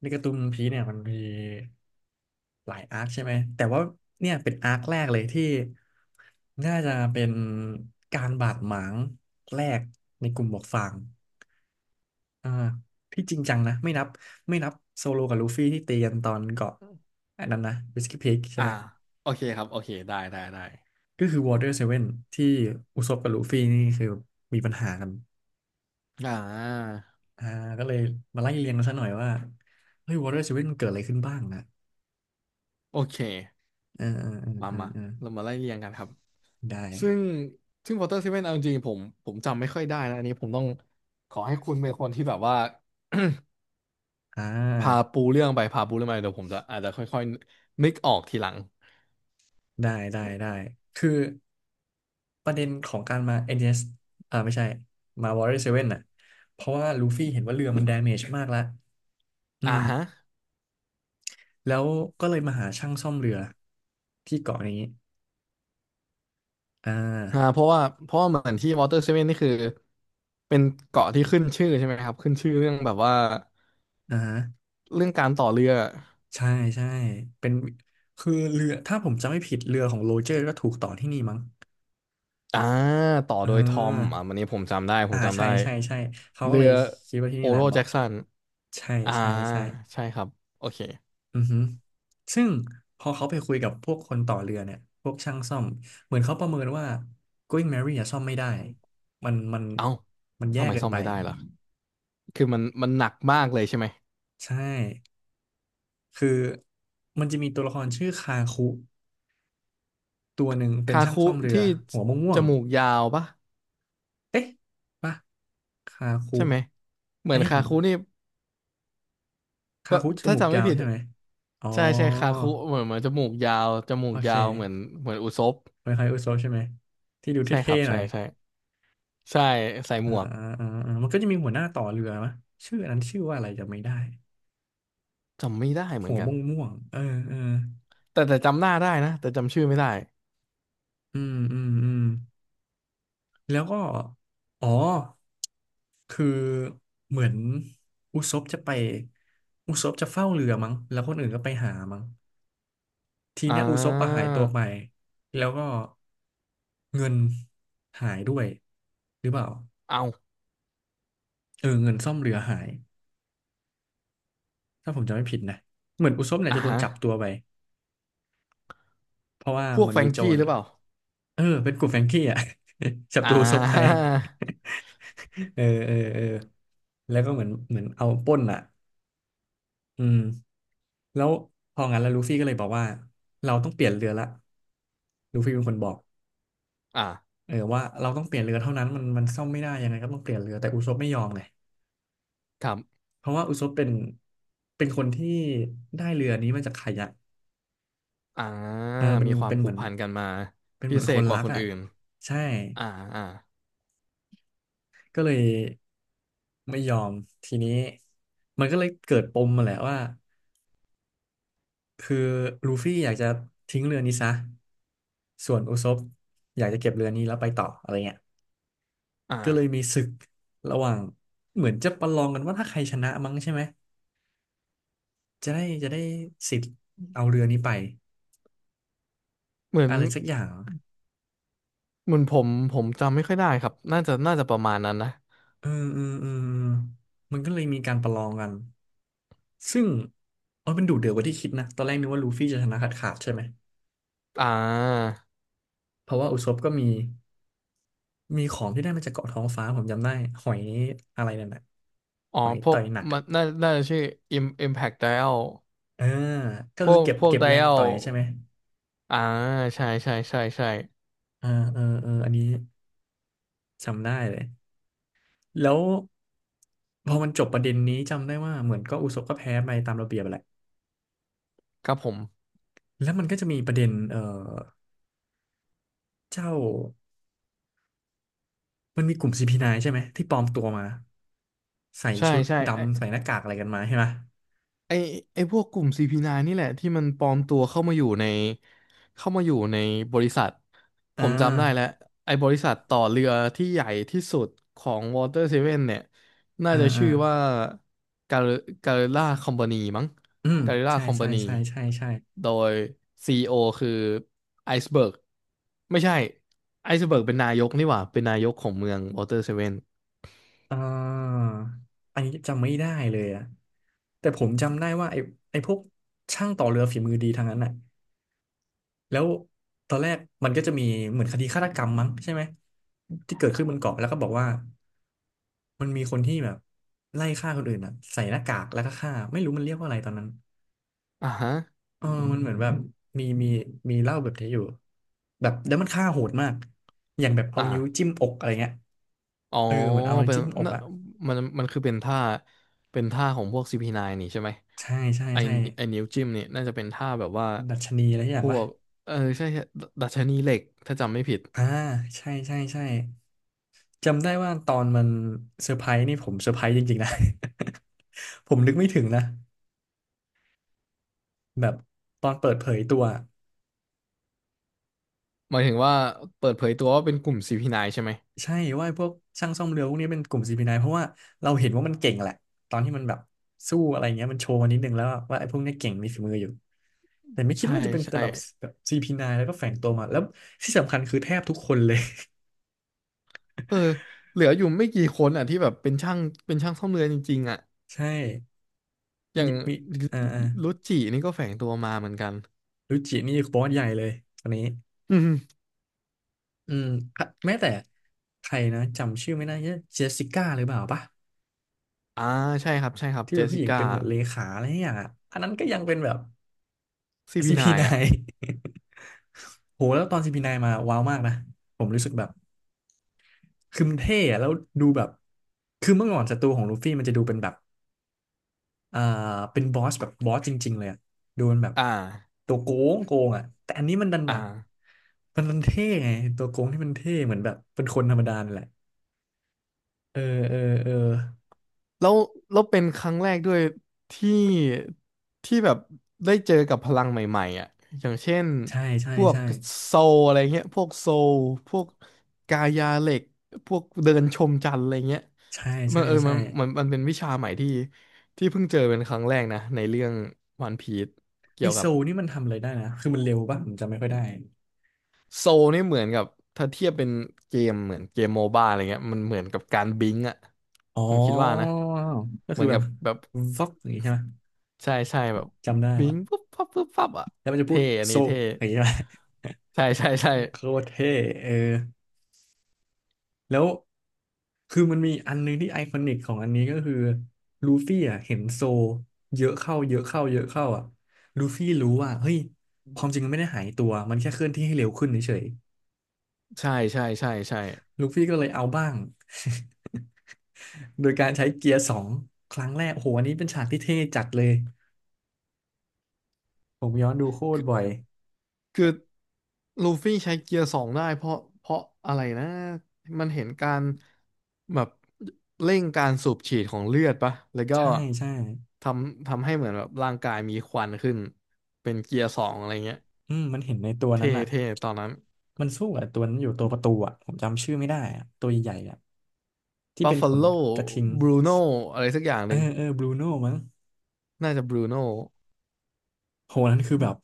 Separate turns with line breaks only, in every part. ในการ์ตูนพีเนี่ยมันมีหลายอาร์คใช่ไหมแต่ว่าเนี่ยเป็นอาร์คแรกเลยที่น่าจะเป็นการบาดหมางแรกในกลุ่มหมวกฟางอ่าที่จริงจังนะไม่นับโซโลกับลูฟี่ที่ตีกันตอนเกาะอันนั้นนะวิสกี้พีคใช่
อ่า
ไหม
โอเคครับโอเคได้ได้
ก็คือวอเตอร์เซเว่นที่อุซบกับลูฟี่นี่คือมีปัญหากัน
อ่า
อ่าก็เลยมาไล่เรียงกันซะหน่อยว่าเฮ้ยวอเตอร์เซเว่นเกิดอะไรขึ้นบ้างนะ
โอเค
เออเออ
มา
เออเออ
มา
เออ
เรามาไล่เรียงกันครับ
ได้
ซึ่งซึ่งวอเตอร์เซเนเอาจริงๆผมจำไม่ค่อยได้นะอันนี้ผมต้องขอให้คุณเป็นคนที่แบบว่า
อ่า
พาปูเรื่องไปพาปูเรื่องมาเดี๋ยวผมจะอาจจะค่อยๆนึกออกทีหลัง
ได้ คือประเด็นของการมา NDS อนดีเอสอ่าไม่ใช่มา Warrior Seven น่ะ เพราะว่าลูฟี่เห็นว่าเรือมัน damage มากแล้ว อื
อ่า
ม
ฮะ
แล้วก็เลยมาหาช่างซ่อมเรือที่เกาะนี้ อ่า
อ่าเพราะว่าเหมือนที่ w อเตอร์ v ซ n วนนี่คือเป็นเกาะที่ขึ้นชื่อใช่ไหมครับขึ้นชื่อเรื่องแบบว่า
อ่าฮะ
เรื่องการต่อเรือ
ใช่ใช่เป็นคือเรือ ถ้าผมจำไม่ผิดเรือของโรเจอร์ก็ถูกต่อที่นี่มั้ง
อ่าต่อ
เอ
โดยทอม
อ
อ่าวันนี้ผมจำได้ผ
อ่า
มจำ
ใช่
ได้
ใช่ใช่เขาก็
เรื
เล
อ
ยคิดว่าที่
โอ
นี่แห
โร
ละเห
แจ็
มาะ
กสัน
ใช่
อ่า
ใช่ใช่
ใช่ครับโอเค
อือฮึซึ่งพอเขาไปคุยกับพวกคนต่อเรือเนี่ยพวกช่างซ่อม เหมือนเขาประเมินว่า Going Merry อะซ่อมไม่ได้มัน
เอ้า
มันแย่
ทำไม
เกิน
ซ่อม
ไป
ไม่ได้ล่ะคือมันหนักมากเลยใช่ไหม
ใช่ คือมันจะมีตัวละครชื่อคาคุตัวหนึ่งเป็น
คา
ช่าง
คุ
ซ่อมเรือ
ที่
หัวม่ว
จ
ง
มูกยาวปะ
ๆเอ๊ะปะคาคุ
ใช่ไหมเห
อั
มื
น
อน
นี้ผ
คา
ม
คุนี่
คา
ปะ
คุจ
ถ้า
มูก
จำไม่
ยาว
ผิด
ใช่ไหมอ๋อ
ใช่คาคุเหมือนจมูกยาวจมู
โอ
ก
เค
ยาวเหมือนเหมือนอุซบ
เหมือนคล้าคุโซะใช่ไหมที่ดู
ใช่ค
เท่
รับ
ๆหน่
ใช่
อย
ใช่ใช่ใส่
อ่า
หมวก
อ่าอ่าอ่ามันก็จะมีหัวหน้าต่อเรือมะชื่ออันนั้นชื่อว่าอะไรจำไม่ได้
จำไม่ได้เหมื
หั
อน
ว
กั
ม่
น
วงม่วงเออเออ
แต่จำหน้าได้นะแต่จำชื่อไม่ได้
อืมแล้วก็อ๋อคือเหมือนอุซปจะไปอุซปจะเฝ้าเรือมั้งแล้วคนอื่นก็ไปหามั้งที
อ่
เนี้ยอุซปอะหา
า
ยตัวไปแล้วก็เงินหายด้วยหรือเปล่า
เอา
เออเงินซ่อมเรือหายถ้าผมจำไม่ผิดนะเหมือนอุซปเนี่ย
อ่า
จะโดน
ฮะ
จับตัวไปเพราะว่า
พว
เห
ก
มือน
แฟร
มี
ง
โจ
กี้
ร
หรือเปล่า
เออเป็นกลุ่มแฟรงกี้อ่ะ ศั
อ่
ตรูซบภัย
า
เออแล้วก็เหมือนเอาปล้นอ่ะอืมแล้วพองั้นแล้วลูฟี่ก็เลยบอกว่าเราต้องเปลี่ยนเรือละลูฟี่เป็นคนบอก
อ่า
เออว่าเราต้องเปลี่ยนเรือเท่านั้นมันซ่อมไม่ได้ยังไงก็ต้องเปลี่ยนเรือแต่อุซบไม่ยอมไง
ครับ
เพราะว่าอุซบเป็นคนที่ได้เรือนี้มาจากใครอะ
อ่า
เออเป็น
มีความ
เป็นเห
ผู
มื
ก
อน
พันกันมา
เป็นเห
พิ
มือน
เศ
ค
ษ
น
ก
รั
ว่า
ก
คน
อ่ะ
อื่น
ใช่
อ่าอ่า
ก็เลยไม่ยอมทีนี้มันก็เลยเกิดปมมาแหละว่าคือลูฟี่อยากจะทิ้งเรือนี้ซะส่วนอุซบอยากจะเก็บเรือนี้แล้วไปต่ออะไรเงี้ยก็เลย
อ่า
มีศึกระหว่างเหมือนจะประลองกันว่าถ้าใครชนะมั้งใช่ไหมจะได้สิทธิ์เอาเรือนี้ไป
เหมือน
อะไรสักอย่าง
เหมือนผมจำไม่ค่อยได้ครับน่าจะประมาณนั้นนะ
เออมันก็เลยมีการประลองกันซึ่งเออมันดุเดือดกว่าที่คิดนะตอนแรกนึกว่าลูฟี่จะชนะขาดใช่ไหม
อ่า
เพราะว่าอุซบก็มี มีของที่ได้มาจากเกาะท้องฟ้าผมจำได้หอยอะไรนั่นน่ะ
อ๋อ
หอย
พว
ต่อ
ก
ยหนัก
มั
อะ
นน่าน่าจะชื่อ Im Impact Dial
เออก็
พว
คือ
ก
เก็บ
พวก
เก็บแรงต่
Dial
อยใช่ไหม
อ่าใช่ใช่
เอออันนี้จำได้เลยแล้วพอมันจบประเด็นนี้จำได้ว่าเหมือนก็อุศบก็แพ้ไปตามระเบียบแหละ
ครับผม
แล้วมันก็จะมีประเด็นเออเจ้ามันมีกลุ่มซีพีไน p ์ใช่ไหมที่ปลอมตัวมาใส่
ใช่
ชุด
ใช่ไอ้
ดำใส่หน้ากากอะไรกันมาใช่ไหม
ไอไอพวกกลุ่ม CP9 นน์นี่แหละที่มันปลอมตัวเข้ามาอยู่ในเข้ามาอยู่ในบริษัทผ
อ่า
มจำได้แล้วไอบริษัทต่อเรือที่ใหญ่ที่สุดของ Water Seven เนี่ยน่า
อ่า
จะ
อ่า
ชื่อว่า Gar- Garilla Company มั้ง
อืม
Garilla
ใช่ใช่
Company
ใช่ใช่ใช่
โดย CEO คือไอซ์เบิร์กไม่ใช่ไอซ์เบิร์กเป็นนายกนี่หว่าเป็นนายกของเมือง Water Seven
อ่าอันนี้จำไม่ได้เลยอะแต่ผมจำได้ว่าไอ้พวกช่างต่อเรือฝีมือดีทางนั้นน่ะแล้วตอนแรกมันก็จะมีเหมือนคดีฆาตกรรมมั้งใช่ไหมที่เกิดขึ้นบนเกาะแล้วก็บอกว่ามันมีคนที่แบบไล่ฆ่าคนอื่นอ่ะใส่หน้ากากแล้วก็ฆ่าไม่รู้มันเรียกว่าอะไรตอนนั้น
อ่าฮะ
เออมันเหมือนแบบมีมีเล่าแบบนี้อยู่แบบแล้วมันฆ่าโหดมากอย่างแบบเอานิ้วจิ้
อ่า
มอกอะไรเงี้ย
อ๋อ
เออเหมือนเอาอะไร
เป็น
จิ้มอก
น่น
อ่ะ
มันมันคือเป็นท่าเป็นท่าของพวก CP9 นน์นี่ใช่ไหม
ใช่ใช่
ไอ
ใช่
ไอนิ้วจิ้มเนี่ยน่าจะเป็นท่าแบบว่า
ดัชนีอะไรอ
พ
ย่าง
ว
วะ
กเออใช่ดดัชนีเหล็กถ้าจำไม่ผิด
อ่า ใช่ใช่ใช่จำได้ว่าตอนมันเซอร์ไพรส์นี่ผมเซอร์ไพรส์จริงๆนะ ผมนึกไม่ถึงนะ แบบตอนเปิดเผยตัว
หมายถึงว่าเปิดเผยตัวว่าเป็นกลุ่ม CP9 ใช่ไหม
ใช่ ว่าพวกช่างซ่อมเรือพวกนี้เป็นกลุ่ม CP9 เพราะว่าเราเห็นว่ามันเก่งแหละ ตอนที่มันแบบสู้อะไรเงี้ยมันโชว์มานิดนึงแล้วว่าไอ้พวกเนี้ยเก่งมีฝีมืออยู่แต่ไม่คิด
ใช่
ว่าจะเป็น
ใช่
ระดับแบบ CP9 แล้วก็แฝงตัวมาแล้วที่สำคัญคือแทบทุกคนเลย
เออเหลืออยู่ไม่กี่คนอ่ะที่แบบเป็นช่างเป็นช่างซ่อมเรือจริงๆอ่ะ
ใช่
อย่า
มี
ง
มีอ่าอ่า
รุจินี่ก็แฝงตัวมาเหมือนกัน
รุจินี่บอสใหญ่เลยคนนี้
อืม
อืมแม้แต่ใครนะจำชื่อไม่ได้เจสสิก้าหรือเปล่าปะ
อ่าใช่ครับใช่ครับ
ที่
เจ
เป็น
ส
ผู้
สิ
หญิง
ก้า
เป็นเหมือนเลขาอะไรอย่างอ่ะอันนั้นก็ยังเป็นแบบ
ซีพีไนน์อ่ะ
CP9 โหแล้วตอน CP9 มาว้าวมากนะผมรู้สึกแบบคือมันเท่อะแล้วดูแบบคือเมื่อก่อนศัตรูของลูฟี่มันจะดูเป็นแบบอ่าเป็นบอสแบบบอสจริงๆเลยอะดูเป็นแบบ
อ่า
ตัวโกงอ่ะแต่อันนี้มันดันแบ
อ่า
บมันดันเท่ไงตัวโกงที่มันเท่เหมือนแบบเป็นคนธรรมดานั่นแหละเออ
แล้วแล้วเป็นครั้งแรกด้วยที่ที่แบบได้เจอกับพลังใหม่ๆอ่ะอย่างเช่น
ใช่ใช่
พวก
ใช่
โซลอะไรเงี้ยพวกโซลพวกกายาเหล็กพวกเดินชมจันทร์อะไรเงี้ย
ใช่
มั
ใช่
นเออ
ใช่
มันเป็นวิชาใหม่ที่ที่เพิ่งเจอเป็นครั้งแรกนะในเรื่องวันพีซ
ไอ
เกี่ยว
โซ
กับ
ลนี่มันทำอะไรได้นะคือมันเร็วป่ะผมจำไม่ค่อยได้
โซลนี่เหมือนกับถ้าเทียบเป็นเกมเหมือนเกมโมบ้าอะไรเงี้ยมันเหมือนกับการบิงก์อ่ะ
อ๋
ผมคิดว่านะ
อก็
เห
คื
มือ
อ
น
แบ
กั
บ
บแบบ
ฟ็อกอย่างงี้ใช่ไหม
ใช่แบบ
จำได้
บิ
แล้
ง
ว
ปุ๊บปั๊บปุ๊บปั๊บอ่ะ
แล้วมันจะพู
เท่
ด
อัน
โซ
นี้เท่
อย่างงี้ใช่ไหม
ใช่ใช่ใช่
โคตรเท่เออแล้วคือมันมีอันนึงที่ไอคอนิกของอันนี้ก็คือลูฟี่อ่ะเห็นโซเยอะเข้าเยอะเข้าเยอะเข้าอ่ะลูฟี่รู้ว่าเฮ้ยความจริงมันไม่ได้หายตัวมันแค่เคลื่อนที่ให้เร็วขึ้นเฉย
ใช่
ๆลูฟี่ก็เลยเอาบ้าง โดยการใช้เกียร์สองครั้งแรกโอ้โหอันนี้เป็นฉากที่เท่จัดเลยผมย้อนดูโคตรบ่อย
คือลูฟี่ใช้เกียร์สองได้เพราะอะไรนะมันเห็นการแบบเร่งการสูบฉีดของเลือดปะแล้วก็
ใช่ใช่
ทำให้เหมือนแบบร่างกายมีควันขึ้นเป็นเกียร์สองอะไรเงี้ย
อืมมันเห็นในตัวนั้น
เท่
อ่ะ
เท่ตอนนั้น
มันสู้กับตัวนั้นอยู่ตัวประตูอ่ะผมจำชื่อไม่ได้อ่ะตัวใหญ่ๆอ่ะที่
บัฟ
เป็น
ฟ a
ขน
โล
กระทิง
บรูโนอะไรสักอย่างห
เออ
นึ่ง
เออบรูโน่มั้ง
น่าจะบรูโน
โหนั่นคือแบบ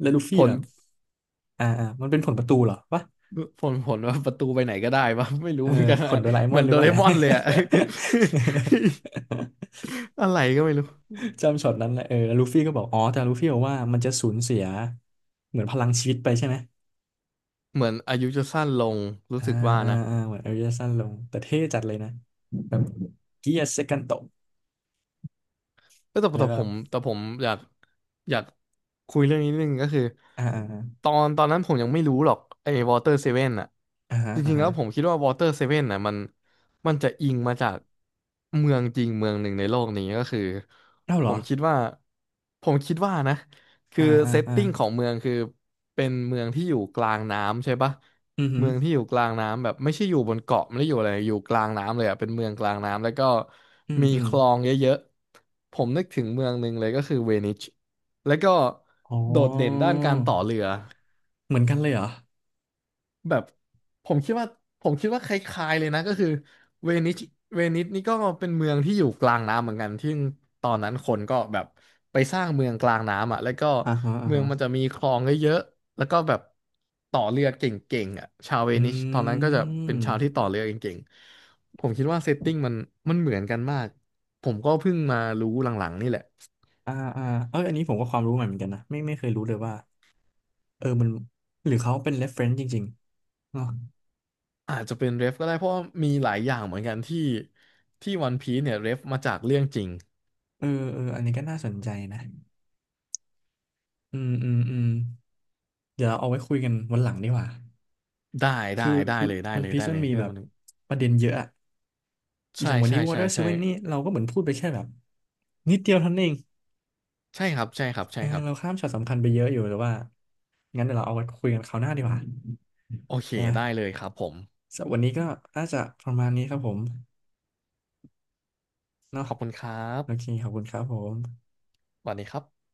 แล้วลูฟี่
ผล
แบบมันเป็นผลประตูเหรอวะ
ผลว่าประตูไปไหนก็ได้ปะ ไม่รู้
เออ
เหมือนกัน
ผล
อะ
โดราเอม
เหมื
อน
อน
หรื
โด
อว่า
เร
ไง
มอนเลยอะ อะไรก็ไม่รู้
จำช็อตนั้นแหละเออแล้วลูฟี่ก็บอกอ๋อแต่ลูฟี่บอกว่ามันจะสูญเสียเหมือนพลังชีวิตไปใช่ไหม
เหมือนอายุจะสั้นลงรู้
อ่า
สึกว่านะ
เหมือนอายุจะสั้นลงแต่เท่จัดเลยนะแบบเกียร์เซกันโต
เอ้ยแต่
แล้ว
แต่
ก็
ผมแต่ผมอยากอยากคุยเรื่องนี้นิดนึงก็คือ
อ่าอ่า
ตอนตอนนั้นผมยังไม่รู้หรอกไอ้วอเตอร์เซเว่นอะจ
อ่า
ริงๆ
ฮะ
แล้วผมคิดว่าวอเตอร์เซเว่นอะมันมันจะอิงมาจากเมืองจริงเมืองหนึ่งในโลกนี้ก็คือ
เอ้าเห
ผ
รอ
มคิดว่าผมคิดว่านะ คื
อ่า
อ
อ่า
เซต
อ่า
ติ้งของเมืองคือเป็นเมืองที่อยู่กลางน้ำใช่ปะ
อืมอหือ
เมืองที่อยู่กลางน้ำแบบไม่ใช่อยู่บนเกาะไม่ได้อยู่อะไรอยู่กลางน้ำเลยอ่ะเป็นเมืองกลางน้ำแล้วก็
อืม
มี
อืม
คลองเยอะๆผมนึกถึงเมืองหนึ่งเลยก็คือเวนิชแล้วก็
อ๋
โดดเด่น
อ
ด้านการต่อเรือ
เหมือนกันเลยเหรอ
แบบผมคิดว่าผมคิดว่าคล้ายๆเลยนะก็คือเวนิสเวนิสนี่ก็เป็นเมืองที่อยู่กลางน้ำเหมือนกันที่ตอนนั้นคนก็แบบไปสร้างเมืองกลางน้ำอ่ะแล้วก็
อ่าฮะอ่า
เมือง
ฮะ
มันจะมีคลองเยอะๆแล้วก็แบบต่อเรือเก่งๆอ่ะชาวเว
อ
นิสตอน
ื
นั้นก็จะเป็นชาวที่
ม
ต่อเรือเก่งๆผมคิดว่าเซตติ้งมันมันเหมือนกันมากผมก็เพิ่งมารู้หลังๆนี่แหละ
อ่าอ่าเอออันนี้ผมก็ความรู้ใหม่เหมือนกันนะไม่เคยรู้เลยว่าเออมันหรือเขาเป็น reference จริงๆเนอะ
อาจจะเป็นเรฟก็ได้เพราะว่ามีหลายอย่างเหมือนกันที่ที่วันพีซเนี่ยเรฟมาจากเรื่องจริง
เออเอออันนี้ก็น่าสนใจนะอืมอืมอืมเดี๋ยวเอาไว้คุยกันวันหลังดีกว่า
ได้ได้
คือ
ได้เลยได้
วัน
เลย
พีช
ได้เล
มัน
ย
มี
เรื่อ
แบ
ง
บ
มันนึง
ประเด็นเยอะอะอ
ใช่
ย่างวัน
ใช่
นี้
ใช่
Water
ใช่
Seven นี่เราก็เหมือนพูดไปแค่แบบนิดเดียวเท่านั้นเอง
ใช่ครับใช่ครับ
เอ
ใช่
อ
ครับ
เราข้ามช็อตสำคัญไปเยอะอยู่แต่ว่างั้นเดี๋ยวเราเอาไว้คุยกันคราวหน้าดีกว่า
โอเค
นะ
ได้เลยครับผม
สำหรับวันนี้ก็น่าจะประมาณนี้ครับผมเนาะ
ขอบคุณครับ
โอเคขอบคุณครับผม
สวัสดีครับ